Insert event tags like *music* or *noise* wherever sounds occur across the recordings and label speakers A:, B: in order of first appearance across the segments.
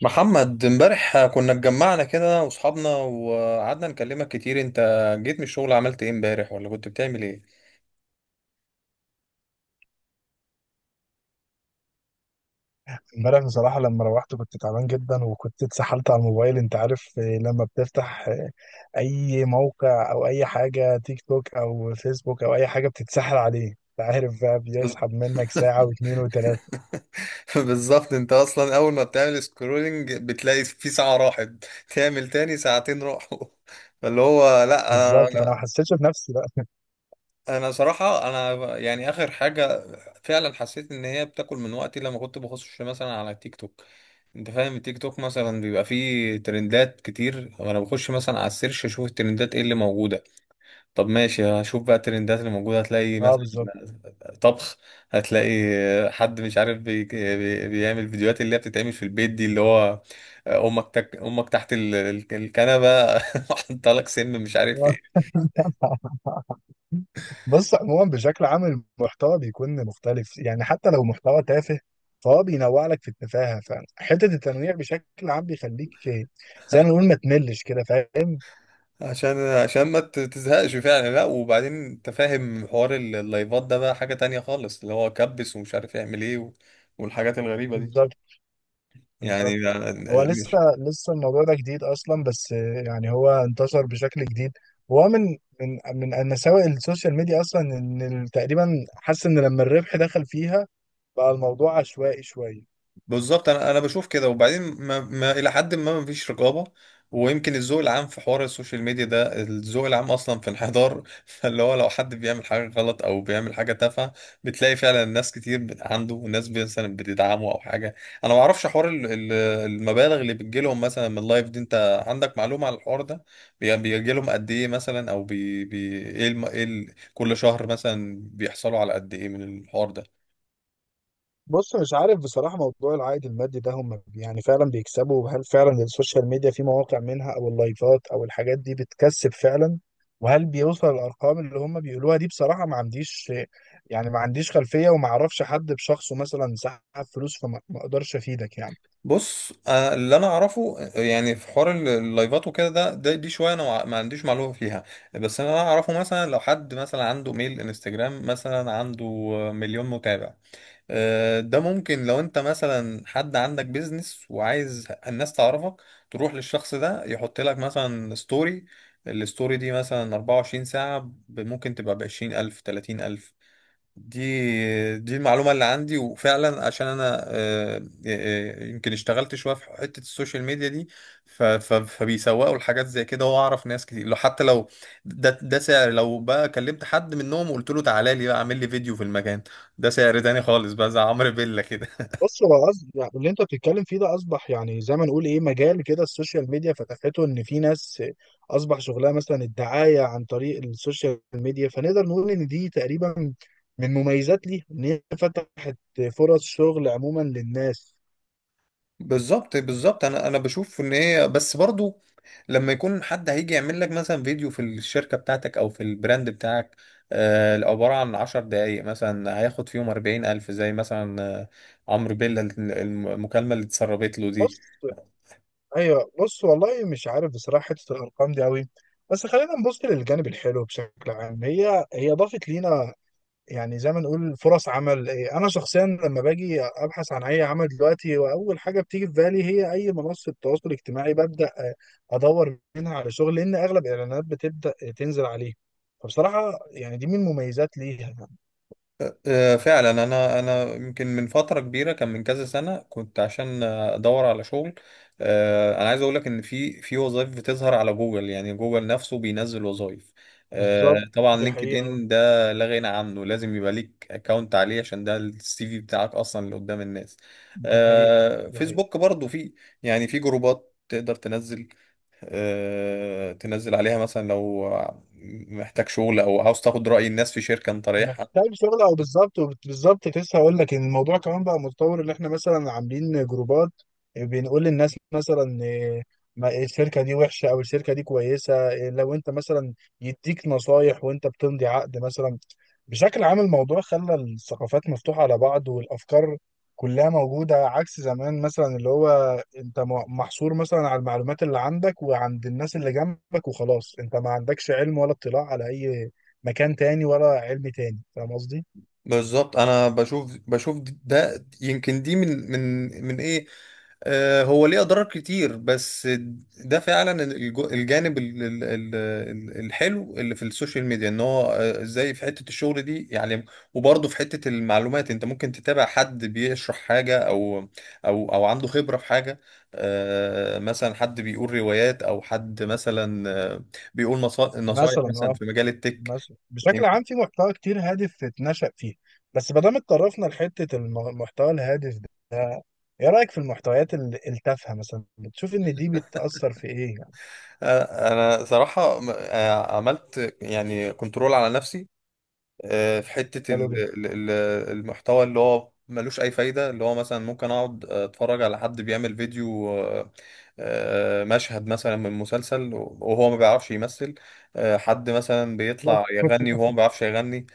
A: محمد، امبارح كنا اتجمعنا كده واصحابنا وقعدنا نكلمك كتير. انت جيت من الشغل عملت ايه امبارح ولا كنت بتعمل ايه؟
B: امبارح بصراحة لما روحت كنت تعبان جدا وكنت اتسحلت على الموبايل انت عارف. لما بتفتح اي موقع او اي حاجة، تيك توك او فيسبوك او اي حاجة بتتسحل عليه انت عارف بقى، بيسحب
A: *laughs*
B: منك ساعة واتنين وتلاتة.
A: بالظبط، انت اصلا اول ما بتعمل سكرولنج بتلاقي في ساعة راحت. تعمل تاني ساعتين راحوا. *laughs* فاللي هو لا،
B: بالظبط، فانا ما
A: انا
B: حسيتش بنفسي بقى.
A: انا صراحة انا يعني اخر حاجة. فعلا حسيت ان هي بتاكل من وقتي لما كنت بخش مثلا على تيك توك. انت فاهم، التيك توك مثلا بيبقى فيه ترندات كتير وانا بخش مثلا على السيرش اشوف الترندات ايه اللي موجودة. طب ماشي، هشوف بقى الترندات اللي موجودة. هتلاقي
B: اه
A: مثلا
B: بالظبط.
A: طبخ. هتلاقي حد مش عارف بيعمل فيديوهات اللي هي بتتعمل في البيت دي، اللي هو أمك تحت الكنبة. *laughs* حاطة لك سم مش عارف ايه.
B: *laughs* آه. بص، عموما بشكل عام المحتوى بيكون مختلف يعني، حتى لو محتوى تافه فهو بينوع لك في التفاهة. فحتة التنويع بشكل عام بيخليك زي ما نقول ما تملش كده، فاهم.
A: عشان ما ت- تزهقش فعلا. لا، وبعدين انت فاهم حوار اللايفات ده بقى حاجة تانية خالص، اللي هو كبس ومش عارف يعمل ايه والحاجات الغريبة دي
B: بالظبط،
A: يعني.
B: بالظبط. هو لسه الموضوع ده جديد اصلا، بس يعني هو انتشر بشكل جديد. وهو من من مساوئ السوشيال ميديا اصلا، ان تقريبا حاسس ان لما الربح دخل فيها بقى الموضوع عشوائي شويه.
A: بالظبط، انا بشوف كده، وبعدين ما الى حد ما فيش رقابه. ويمكن الذوق العام في حوار السوشيال ميديا ده، الذوق العام اصلا في انحدار. *laughs* فاللي هو لو حد بيعمل حاجه غلط او بيعمل حاجه تافهه، بتلاقي فعلا ناس كتير عنده، وناس مثلا بتدعمه او حاجه. انا ما اعرفش حوار المبالغ اللي بتجيلهم مثلا من اللايف دي. انت عندك معلومه على الحوار ده؟ بيجيلهم قد ايه مثلا؟ او بي بي ايه الم... ايه ال... كل شهر مثلا بيحصلوا على قد ايه من الحوار ده؟
B: بص، مش عارف بصراحه، موضوع العائد المادي ده هم يعني فعلا بيكسبوا؟ هل فعلا السوشيال ميديا في مواقع منها او اللايفات او الحاجات دي بتكسب فعلا؟ وهل بيوصل الارقام اللي هم بيقولوها دي؟ بصراحه ما عنديش، يعني ما عنديش خلفيه، وما اعرفش حد بشخصه مثلا سحب فلوس. فما ما اقدرش افيدك يعني.
A: بص، اللي انا اعرفه، يعني في حوار اللايفات وكده، ده, ده دي شويه انا ما عنديش معلومه فيها. بس انا اعرفه مثلا لو حد مثلا عنده ميل انستجرام، مثلا عنده مليون متابع، ده ممكن لو انت مثلا، حد عندك بيزنس وعايز الناس تعرفك، تروح للشخص ده يحط لك مثلا ستوري. الستوري دي مثلا 24 ساعه، ممكن تبقى ب 20,000 30,000. دي المعلومة اللي عندي، وفعلا عشان انا، يمكن اشتغلت شوية في حتة السوشيال ميديا دي، فبيسوقوا لحاجات زي كده. واعرف ناس كتير، لو حتى لو ده سعر، لو بقى كلمت حد منهم وقلت له تعالى لي بقى اعمل لي فيديو في المكان، ده سعر تاني خالص بقى، زي عمرو بيلا كده.
B: بص، هو قصد يعني اللي انت بتتكلم فيه ده اصبح يعني زي ما نقول ايه، مجال كده السوشيال ميديا فتحته، ان في ناس اصبح شغلها مثلا الدعايه عن طريق السوشيال ميديا. فنقدر نقول ان دي تقريبا من مميزات ليها، ان هي فتحت فرص شغل عموما للناس.
A: بالظبط، انا بشوف ان هي، بس برضو لما يكون حد هيجي يعمل لك مثلا فيديو في الشركه بتاعتك او في البراند بتاعك، عباره عن 10 دقائق مثلا هياخد فيهم 40 الف، زي مثلا عمرو بيلا، المكالمه اللي اتسربت له دي.
B: بص، ايوه. بص، والله مش عارف بصراحه حته الارقام دي قوي. بس خلينا نبص للجانب الحلو بشكل عام، هي ضافت لينا يعني زي ما نقول فرص عمل. انا شخصيا لما باجي ابحث عن اي عمل دلوقتي، واول حاجه بتيجي في بالي هي اي منصه تواصل اجتماعي، ببدا ادور منها على شغل، لان اغلب الاعلانات بتبدا تنزل عليه. فبصراحه يعني دي من المميزات ليها.
A: فعلا، انا يمكن من فتره كبيره، كان من كذا سنه كنت عشان ادور على شغل. انا عايز اقول لك ان في وظائف بتظهر على جوجل. يعني جوجل نفسه بينزل وظائف.
B: بالظبط.
A: طبعا
B: دي
A: لينكد
B: حقيقه،
A: ان ده لا غنى عنه. لازم يبقى ليك اكونت عليه، عشان ده السي في بتاعك اصلا اللي قدام الناس.
B: دي حقيقه، دي حقيقه.
A: فيسبوك برضو في، يعني في جروبات تقدر تنزل عليها مثلا لو محتاج شغل، او عاوز تاخد رأي الناس في شركة انت رايحها.
B: محتاج شغل او بالظبط، بالظبط كنت لسه هقول لك ان الموضوع كمان بقى متطور، ان احنا مثلا عاملين جروبات بنقول للناس مثلا الشركه دي وحشه او الشركه دي كويسه. لو انت مثلا يديك نصايح وانت بتمضي عقد مثلا. بشكل عام الموضوع خلى الثقافات مفتوحه على بعض، والافكار كلها موجوده عكس زمان مثلا، اللي هو انت محصور مثلا على المعلومات اللي عندك وعند الناس اللي جنبك وخلاص، انت ما عندكش علم ولا اطلاع على اي مكان تاني ولا علم تاني. فاهم قصدي؟
A: بالظبط، انا بشوف ده يمكن دي من من ايه، هو ليه اضرار كتير، بس ده فعلا الجانب الحلو اللي في السوشيال ميديا. ان هو ازاي في حتة الشغل دي يعني، وبرضه في حتة المعلومات انت ممكن تتابع حد بيشرح حاجة او او عنده خبرة في حاجة. مثلا حد بيقول روايات، او حد مثلا نصايح
B: مثلا
A: مثلا
B: اه.
A: في مجال التك.
B: مثلا بشكل عام في محتوى كتير هادف اتنشأ فيه. بس ما دام اتطرفنا لحتة المحتوى الهادف ده، ايه رأيك في المحتويات التافهة مثلا؟ بتشوف ان دي بتأثر في ايه يعني؟
A: انا صراحه، عملت يعني كنترول على نفسي، في حته
B: حلو جدا.
A: المحتوى اللي هو ملوش اي فايده، اللي هو مثلا ممكن اقعد اتفرج على حد بيعمل فيديو مشهد مثلا من مسلسل وهو ما بيعرفش يمثل، حد مثلا بيطلع يغني
B: *laughs*
A: وهو ما بيعرفش يغني.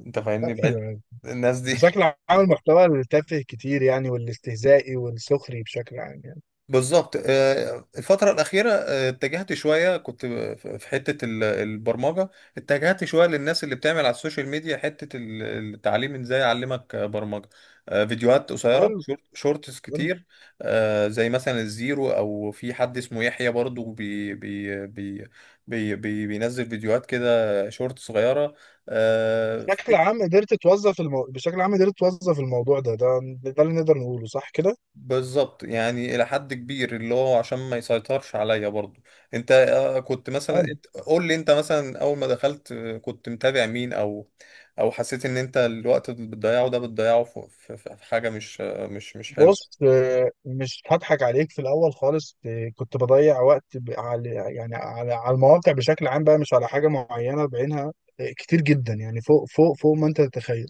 A: انت فاهمني بقيت
B: ايوه،
A: الناس دي. *laughs*
B: بشكل عام المحتوى التافه كتير يعني، والاستهزائي والسخري بشكل عام يعني.
A: بالظبط، الفترة الأخيرة، اتجهت شوية، كنت في حتة البرمجة، اتجهت شوية للناس اللي بتعمل على السوشيال ميديا حتة التعليم، ازاي أعلمك برمجة. فيديوهات قصيرة،
B: حلو.
A: شورتس
B: حلو.
A: كتير، زي مثلا الزيرو، أو في حد اسمه يحيى برضو بي بي بي بي بي بينزل فيديوهات كده شورت صغيرة. آه،
B: بشكل عام قدرت توظف بشكل عام قدرت توظف الموضوع ده، ده اللي نقدر نقوله صح كده؟
A: بالظبط، يعني الى حد كبير، اللي هو عشان ما يسيطرش عليا برضو. انت كنت مثلا، قول لي انت مثلا اول ما دخلت كنت متابع مين، او حسيت ان انت الوقت اللي بتضيعه ده، بتضيعه في في حاجة مش آه، مش مش حلوة.
B: بص، مش هضحك عليك في الاول خالص. كنت بضيع وقت على يعني، على المواقع بشكل عام بقى، مش على حاجه معينه بعينها. كتير جدا يعني، فوق فوق فوق ما انت تتخيل.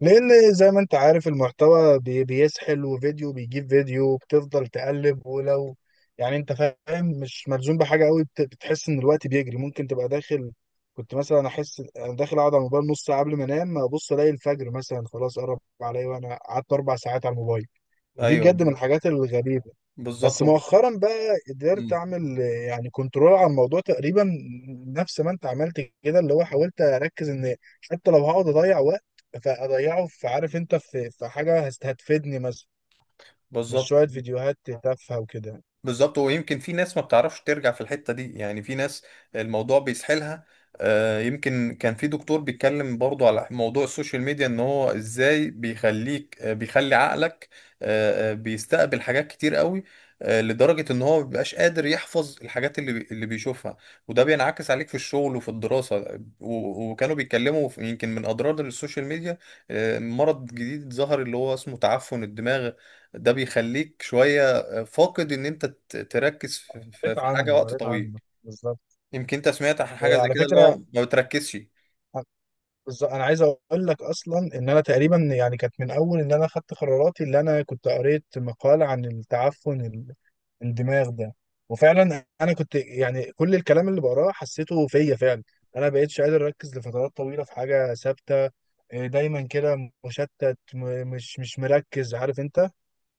B: لان زي ما انت عارف المحتوى بيسحل، وفيديو بيجيب فيديو بتفضل تقلب، ولو يعني انت فاهم مش ملزوم بحاجه قوي، بتحس ان الوقت بيجري. ممكن تبقى داخل، كنت مثلا احس انا داخل اقعد على الموبايل نص ساعه قبل ما انام، ابص الاقي الفجر مثلا خلاص قرب عليا وانا قعدت اربع ساعات على الموبايل. ودي
A: ايوه.
B: بجد من الحاجات الغريبة.
A: بالظبط.
B: بس مؤخرا بقى قدرت
A: مم.
B: اعمل يعني كنترول على الموضوع تقريبا. نفس ما انت عملت كده، اللي هو حاولت اركز ان حتى لو هقعد اضيع وقت فاضيعه في، عارف انت، في حاجة هتفيدني مثلا، مش
A: بالظبط،
B: شوية فيديوهات تافهة وكده.
A: بالظبط. ويمكن في ناس ما بتعرفش ترجع في الحتة دي. يعني في ناس الموضوع بيسحلها. يمكن كان في دكتور بيتكلم برضو على موضوع السوشيال ميديا، ان هو ازاي بيخلي عقلك بيستقبل حاجات كتير قوي، لدرجة ان هو ما بيبقاش قادر يحفظ الحاجات اللي بيشوفها، وده بينعكس عليك في الشغل وفي الدراسة. وكانوا بيتكلموا يمكن من اضرار السوشيال ميديا مرض جديد ظهر اللي هو اسمه تعفن الدماغ. ده بيخليك شوية فاقد ان انت تركز في في-
B: قريت
A: في حاجه
B: عنه،
A: وقت
B: قريت
A: طويل.
B: عنه بالظبط.
A: يمكن انت سمعت عن حاجه زي
B: على
A: كده، اللي هو
B: فكرة
A: ما بتركزش.
B: بالظبط انا عايز اقول لك اصلا، ان انا تقريبا يعني كانت من اول ان انا خدت قراراتي، اللي انا كنت قريت مقال عن التعفن الدماغ ده. وفعلا انا كنت يعني كل الكلام اللي بقراه حسيته فيا فعلا. انا بقيتش قادر اركز لفترات طويله في حاجه ثابته. دايما كده مشتت، مش مركز، عارف انت.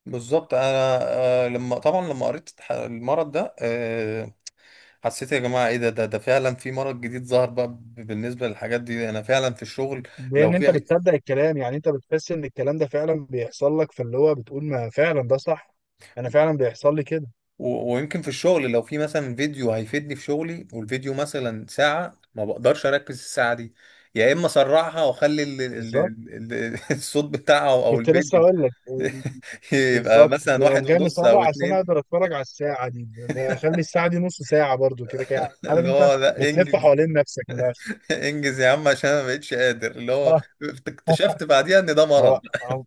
A: بالظبط، انا لما طبعا لما قريت المرض ده، حسيت يا جماعه ايه ده، ده فعلا في مرض جديد ظهر بقى. بالنسبه للحاجات دي، انا فعلا في الشغل لو
B: لان انت
A: في أي-
B: بتصدق الكلام، يعني انت بتحس ان الكلام ده فعلا بيحصل لك، فاللي هو بتقول ما فعلا ده صح. انا فعلا بيحصل لي كده.
A: ويمكن في الشغل لو في مثلا فيديو هيفيدني في شغلي، والفيديو مثلا ساعة، ما بقدرش أركز الساعة دي. يا إما أسرعها وأخلي
B: بالظبط
A: *laughs* الصوت بتاعها أو
B: كنت لسه
A: الفيديو
B: اقول لك
A: *laughs* يبقى
B: بالظبط،
A: مثلا واحد
B: تقوم جاي
A: ونص
B: مسرع
A: أو
B: عشان
A: 2.
B: اقدر اتفرج على الساعه دي، اللي هي اخلي الساعه دي نص ساعه برضو كده كده، عارف
A: اللي
B: انت
A: هو لا،
B: بتلف
A: إنجز
B: حوالين نفسك من الاخر.
A: إنجز يا عم، عشان أنا ما بقتش قادر، اللي هو اكتشفت
B: *laughs*
A: بعديها إن ده مرض.
B: اه.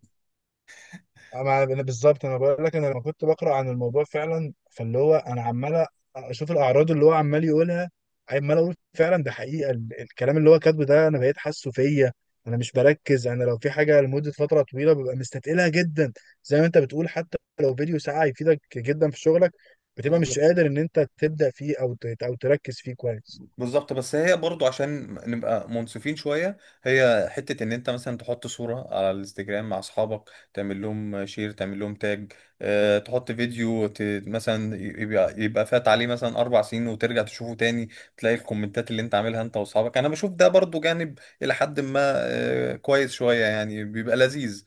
B: أنا بالظبط، انا بقول لك، انا لما كنت بقرا عن الموضوع فعلا، فاللي هو انا عمال اشوف الاعراض اللي هو عمال يقولها، عمال اقول فعلا ده حقيقه، الكلام اللي هو كاتبه ده انا بقيت حاسه فيا. انا مش بركز، انا لو في حاجه لمده فتره طويله ببقى مستثقلها جدا. زي ما انت بتقول، حتى لو فيديو ساعه يفيدك جدا في شغلك بتبقى مش
A: بالظبط،
B: قادر ان انت تبدا فيه، او او تركز فيه كويس.
A: بالظبط، بس هي برضو عشان نبقى منصفين شوية، هي حتة ان انت مثلا تحط صورة على الانستجرام مع اصحابك، تعمل لهم شير، تعمل لهم تاج، اه تحط فيديو مثلا، يبقى فات عليه مثلا 4 سنين وترجع تشوفه تاني، تلاقي الكومنتات اللي انت عاملها انت واصحابك. انا بشوف ده برضو جانب الى حد ما كويس شوية. يعني بيبقى لذيذ.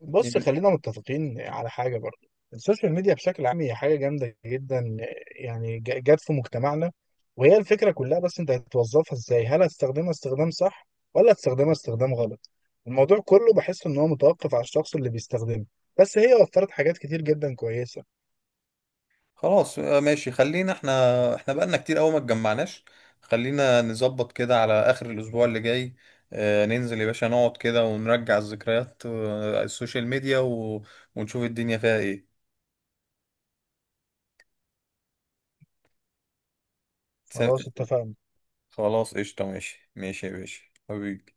B: بص، خلينا متفقين على حاجة برضو. السوشيال ميديا بشكل عام هي حاجة جامدة جدا يعني، جت في مجتمعنا. وهي الفكرة كلها، بس انت هتوظفها ازاي؟ هل هتستخدمها استخدام صح، ولا هتستخدمها استخدام غلط؟ الموضوع كله بحس ان هو متوقف على الشخص اللي بيستخدمه. بس هي وفرت حاجات كتير جدا كويسة.
A: خلاص، ماشي، خلينا، احنا بقالنا كتير قوي ما اتجمعناش. خلينا نظبط كده على اخر الاسبوع اللي جاي، ننزل يا باشا نقعد كده ونرجع الذكريات، السوشيال ميديا ونشوف الدنيا فيها ايه.
B: خلاص
A: س-
B: اتفقنا.
A: خلاص قشطة، ماشي ماشي يا باشا، حبيبي.